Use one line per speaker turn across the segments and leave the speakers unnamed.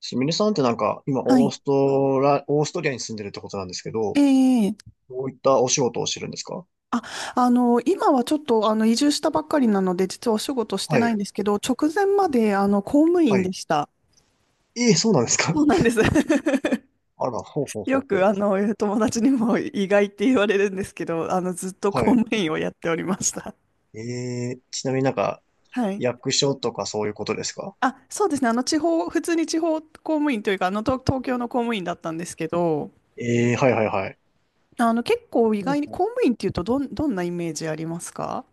すみれさんってなんか、今、
はい。
オーストリアに住んでるってことなんですけど、
ええ。
どういったお仕事をしてるんですか？
あ、今はちょっと、移住したばっかりなので、実はお仕事して
は
ない
い、
んですけど、直前まで、公務
は
員で
い。
した。
ええ、そうなんです
そ
か？
うなんです。
あら、ほうほうほ
よ
う
く、
ほ
友達にも意外って言われるんですけど、ずっと
う。は
公
い。
務員をやっておりました。
ええ、ちなみになんか、
はい。
役所とかそういうことですか？
あ、そうですね。普通に地方公務員というか、東東京の公務員だったんですけど、
ええ、はいはいはい。
結構意
ほう
外に
ほう。
公務員っていうと、どんなイメージありますか？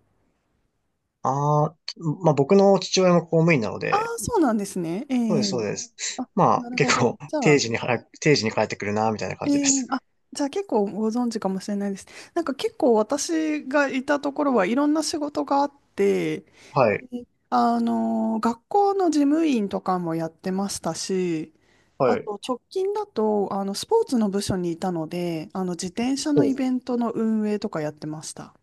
ああ、まあ僕の父親も公務員なの
あ
で、
あ、そうなんですね。え
そうです、そう
え。
です。
あ、
まあ、
なるほ
結
ど。
構、定時に帰ってくるな、みたいな
え
感じで
ー、
す。
あ、じゃあ結構ご存知かもしれないです。なんか結構私がいたところはいろんな仕事があって、
はい、
で学校の事務員とかもやってましたし、あ
はい。
と直近だとあのスポーツの部署にいたので、あの自転車の
お、
イベントの運営とかやってました。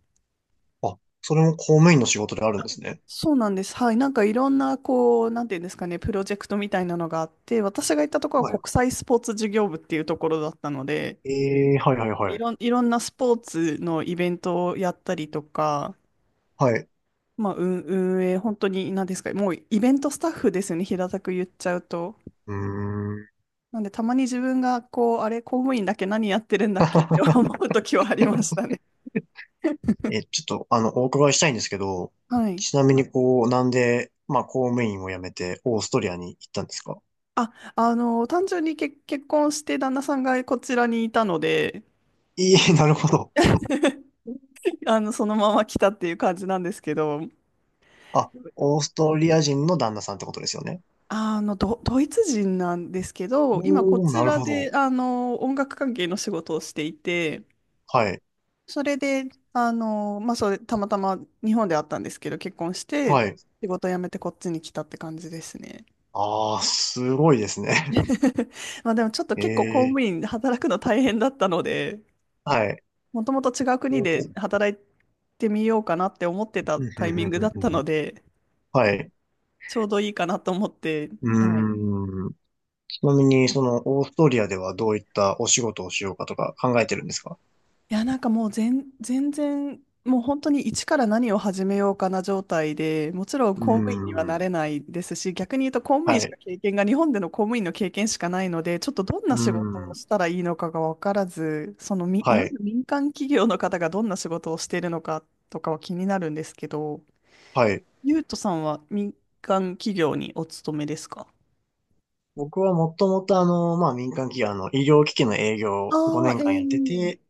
あ、それも公務員の仕事であるんですね。
そうなんです。はい。なんかいろんな、こう、なんていうんですかね、プロジェクトみたいなのがあって、私が行ったところ
は
は
い。
国際スポーツ事業部っていうところだったので、
ええ、はいはいはい。
いろんなスポーツのイベントをやったりとか、
はい。
まあ、運営、本当に何ですか、もうイベントスタッフですよね、平たく言っちゃうと。
うーん。
なんで、たまに自分が、こう、あれ、公務員だけ何やってるんだっけって 思 う時はありましたね。
え、ちょっと、お伺いしたいんですけど、
はい。
ちなみにこう、なんで、まあ、公務員を辞めて、オーストリアに行ったんですか？
単純に結婚して旦那さんがこちらにいたので、
いえ、なるほど。
そのまま来たっていう感じなんですけど、
あ、オーストリア人の旦那さんってことですよね？
ドイツ人なんですけど、今こ
おー、
ち
なる
ら
ほ
で、
ど。
音楽関係の仕事をしていて、
はい。
それで、まあ、それ、たまたま日本であったんですけど、結婚して、
はい。
仕事辞めてこっちに来たって感じですね。
ああ、すごいですね。
まあ、でもちょっと結構公
え
務
え、
員で働くの大変だったので、
はい。
もともと違う国
ほうほ
で
う。
働いてみようかなって思ってた
うん
タ
う
イ
ん
ミ
う
ン
ん
グ
う
だった
んう
の
ん。
で、
はい。
ちょうどいいかなと思って、はい。
うーん。ちなみに、その、オーストリアではどういったお仕事をしようかとか考えてるんですか？
いや、なんかもう全然、もう本当に一から何を始めようかな状態で、もちろん
う
公務員には
ー
なれ
ん。
ないですし、逆に言うと公務員
は
しか
い。
経験が、日本での公務員の経験しかないので、ちょっとどんな
う
仕事を
ん。
したらいいのかが分からず、そのみ、い
は
わ
い。
ゆる民間企業の方がどんな仕事をしているのかとかは気になるんですけど、
はい。
ゆうとさんは民間企業にお勤めですか？
僕はもともとまあ民間企業、医療機器の営業
あ
を5
あ
年間やって
ー、え
て、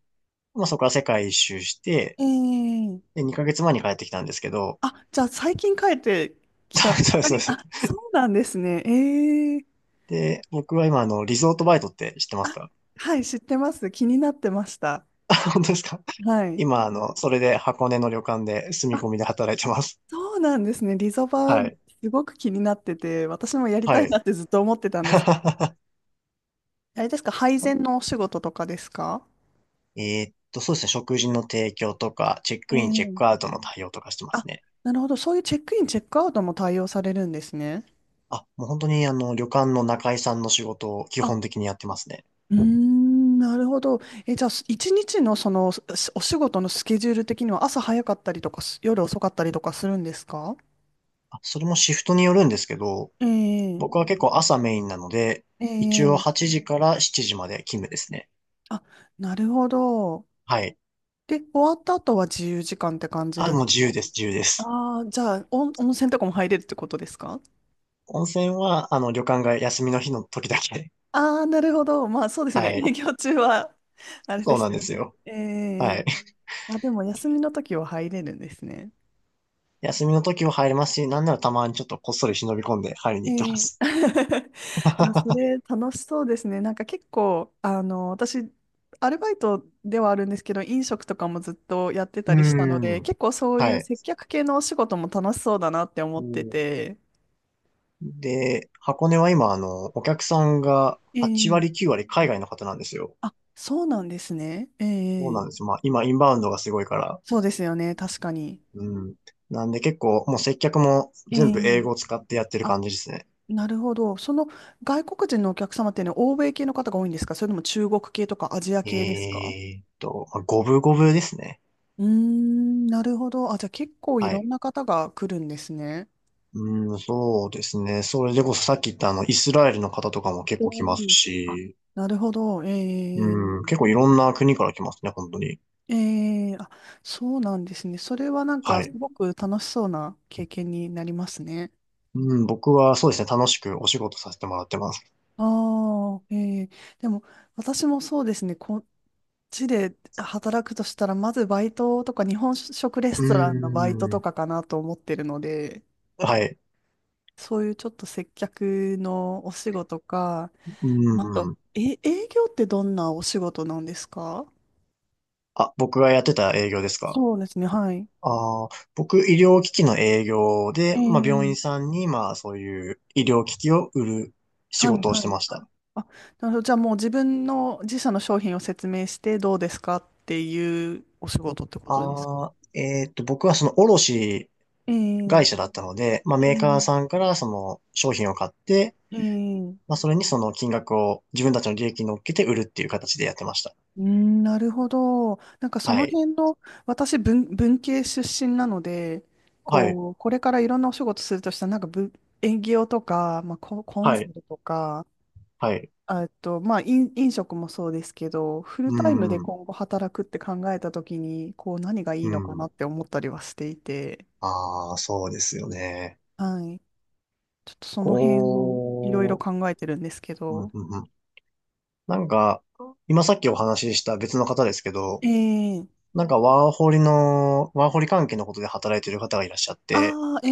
まあそこから世界一周して、
え。ええ。
で、2ヶ月前に帰ってきたんですけど、
あ、じゃあ最近帰ってきたば っ
そう
か
そう
り、
そう。
あ、そうなんですね。ええ。
で、僕は今リゾートバイトって知ってます
あ、
か？
はい、知ってます。気になってました。
本当ですか？
はい。
今それで箱根の旅館で住み
あ、
込みで働いてます。
そうなんですね。リゾバ、
はい。
すごく気になってて、私もやりた
は
い
い。
なってずっと思ってたんですけど。あれですか、配膳のお仕事とかですか？
そうですね。食事の提供とか、チェックイン、チェッ
え
クア
え。
ウトの対応とかしてま
あ、
すね。
なるほど。そういうチェックイン、チェックアウトも対応されるんですね。
あ、もう本当に旅館の仲居さんの仕事を基
あ、
本的にやってますね。
うーん、なるほど。え、じゃあ、す一日のその、すお仕事のスケジュール的には朝早かったりとか夜遅かったりとかするんですか？
あ、それもシフトによるんですけど、
ええ、
僕は結構朝メインなので、一応
ええ。
8時から7時まで勤務ですね。
あ、なるほど。
はい。
で、終わった後は自由時間って感じ
あ、
で
も
す
う自
か？
由です、自由です。
ああー、じゃあ、温泉とかも入れるってことですか？
温泉は、旅館が休みの日の時だけ。
ああ、なるほど。まあ、そうで す
は
ね。
い。
営業中は、あれで
そうな
す
ん
よ
です
ね。
よ。
え
は
え。
い。
あ、でも、休みの時は入れるんですね。
休みの時も入れますし、なんならたまにちょっとこっそり忍び込んで入りに
え
行ってま
え。
す。
あ、それ楽しそうですね。なんか結構、私、アルバイトではあるんですけど、飲食とかもずっとやって
う
たりしたので、
ーん。
結構そうい
は
う
い。
接客系のお仕事も楽しそうだなって思
う
って
ん。
て。
で、箱根は今、お客さんが
え
8割、
え。
9割海外の方なんですよ。
あ、そうなんですね。え
そうな
え。
んですよ。まあ、今、インバウンドがすごいから。
そうですよね。確かに。
うん。なんで結構、もう接客も
え
全部英
え。
語を使ってやってる
あ、
感じですね。
なるほど。その外国人のお客様っていうのは欧米系の方が多いんですか、それとも中国系とかアジア系ですか？
まあ五分五分ですね。
うーん、なるほど。あ、じゃあ結構い
は
ろん
い。
な方が来るんですね。
うん、そうですね。それでこそさっき言ったイスラエルの方とかも結
う
構来ます
ん。あ、
し、
なるほど。え
うん、
ー、
結構いろんな国から来ますね、本当に。
えー、あ、そうなんですね。それはなんか
は
す
い。
ごく楽しそうな経験になりますね。
うん、僕はそうですね、楽しくお仕事させてもらってます。
ああ、ええ。でも私もそうですね。こっちで働くとしたら、まずバイトとか日本食レ
う
ストランのバイトと
ん、
かかなと思ってるので、
はい。
そういうちょっと接客のお仕事か、なんと、
うん。
え、営業ってどんなお仕事なんですか？
あ、僕がやってた営業ですか？
そうですね、はい。
ああー、僕、医療機器の営業
え
で、まあ、病
ー、
院さんに、まあ、そういう医療機器を売る仕
はい、
事をし
は
て
い。
ました。
あ、なるほど。じゃあもう自分の自社の商品を説明してどうですかっていうお仕事ってことですか？
ああ、僕はその卸
え
会
ー、
社だったので、まあ、
え
メーカー
ー、
さんからその商品を買って、
えー、
まあ、それにその金額を自分たちの利益に乗っけて売るっていう形でやってました。
うーん、なるほど。なんかそ
は
の
い。
辺の、私文系出身なので、
はい。
こう、これからいろんなお仕事するとしたら、なんか文、営業とか、まあ、コン
は
サ
い。
ルとか、
はい。
あえっと、まあ、飲食もそうですけど、フル
う
タイムで
ん。
今後働くって考えたときに、こう、何がい
う
いのかなっ
ん。
て思ったりはしていて、
ああ、そうですよね。
はい。ちょっとその辺をいろいろ
こ
考えてるんですけど、
うんうん。なんか、今さっきお話しした別の方ですけど、
ええ。
なんかワーホリ関係のことで働いてる方がいらっしゃって、
ああ、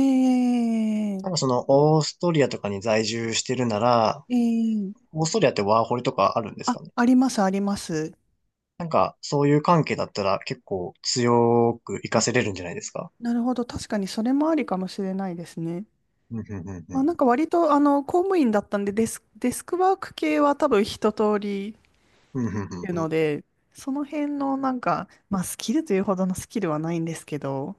え
なんか
え。
そのオーストリアとかに在住してるなら、
ええ。
オーストリアってワーホリとかあるんです
あ、
かね？
あります、あります。
なんかそういう関係だったら結構強く活か
あ、
せれるんじゃないですか？
なるほど。確かにそれもありかもしれないですね。
うんうんうんう
まあ、
ん。
なんか割と、公務員だったんで、デスクワーク系は多分一通り
うんうんう
て
ん
いう
う
の
ん。
で、その辺のなんか、まあ、スキルというほどのスキルはないんですけど、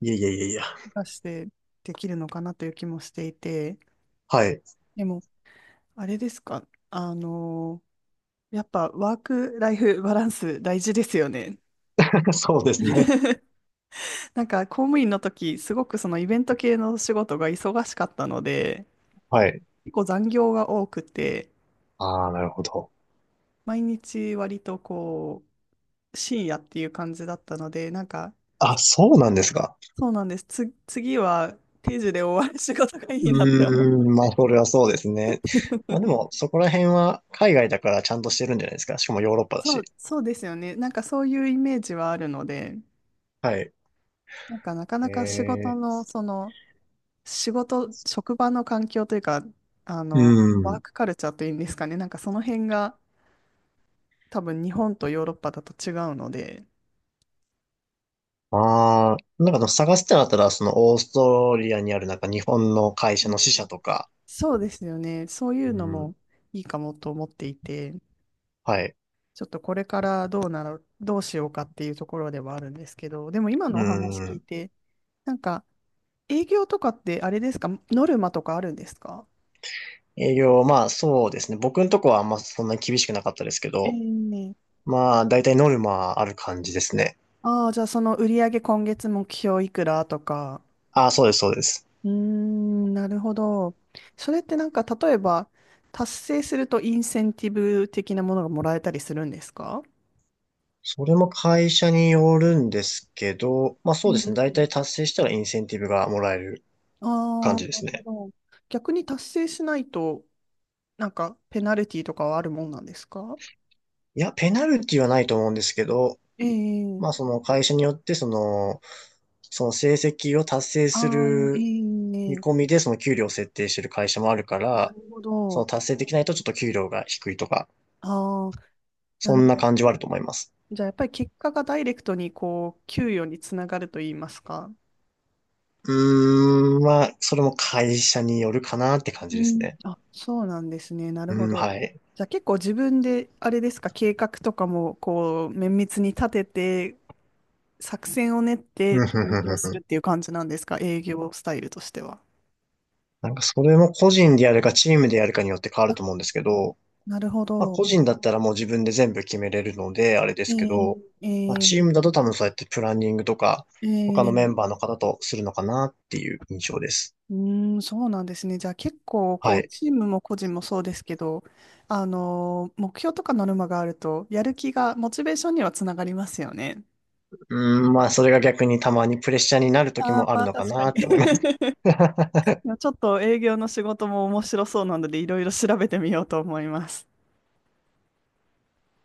いやいやいやいや。
出してできるのかなという気もしていて、
はい。
でも、あれですか、やっぱワークライフバランス大事ですよね。
そうですね。
なんか公務員の時、すごくそのイベント系の仕事が忙しかったので、
はい。
結構残業が多くて、
ああ、なるほど。
毎日割とこう、深夜っていう感じだったので、なんか、
あ、そうなんですか。
そうなんです。次は定時で終わる仕事がいいなって思
うーん、まあ、それはそうですね。
う。
まあでも、そこら辺は海外だからちゃんとしてるんじゃないですか。しかもヨーロッパだし。
そうですよね。なんかそういうイメージはあるので、
はい。
なんかなかなか仕事
え
の、その、仕事、職場の環境というか、
う
ワー
ん。
クカルチャーというんですかね。なんかその辺が多分日本とヨーロッパだと違うので、
ああ、なんか探すってなったら、そのオーストリアにあるなんか日本の会社
うん、
の支社とか、
そうですよね。そういう
う
の
ん。
もいいかもと思っていて、
はい。
ちょっとこれからどうしようかっていうところではあるんですけど、でも今の
う
お話聞い
ん。
て、なんか営業とかってあれですか、ノルマとかあるんですか？
営業、まあそうですね。僕のとこはあんまそんなに厳しくなかったですけ
え
ど、
ー。
まあ大体ノルマある感じですね。
ああ、じゃあその売上今月目標いくらとか。
ああ、そうです、そうです。
うーん、なるほど。それってなんか例えば達成するとインセンティブ的なものがもらえたりするんですか？
それも会社によるんですけど、まあ
う
そうですね。大
ん。
体達成したらインセンティブがもらえる
あ
感
あ、
じで
な
す
るほ
ね。
ど。逆に達成しないとなんかペナルティとかはあるもんなんですか？
いや、ペナルティはないと思うんですけど、
え
まあ
え。
その会社によってその成績を達成す
ああ。
る見込
ええ。
みでその給料を設定してる会社もあるか
な
ら、
るほ
その
ど。
達成できないとちょっと給料が低いとか、
ああ、な
そ
る
ん
ほ
な
ど。
感じはあると思います。
じゃあやっぱり結果がダイレクトにこう給与につながると言いますか。
うーん、まあ、それも会社によるかなって感じ
う
です
ん。
ね。
あ、そうなんですね。なるほ
うん、
ど。
はい。
じゃあ結構自分で、あれですか、計画とかも、こう、綿密に立てて、作戦を練って営業する っていう感じなんですか、営業スタイルとしては。
なんかそれも個人でやるかチームでやるかによって変わる
あ、
と思うんですけど、
なるほ
まあ
ど。
個人だったらもう自分で全部決めれるので、あれで
え
すけど、
ー、え
まあチ
ー、
ームだと多分そうやってプランニングとか、
え
他のメ
ー、
ンバーの方とするのかなっていう印象です。
うーん、そうなんですね。じゃあ結構、こ
は
う、
い。
チームも個人もそうですけど、あのー目標とかノルマがあると、やる気が、モチベーションにはつながりますよね。
うーん、まあそれが逆にたまにプレッシャーになる時
ああ、
もあ
ま
る
あ
のか
確か
な
に。
って思います。
いやちょっと営業の仕事も面白そうなので、いろいろ調べてみようと思います。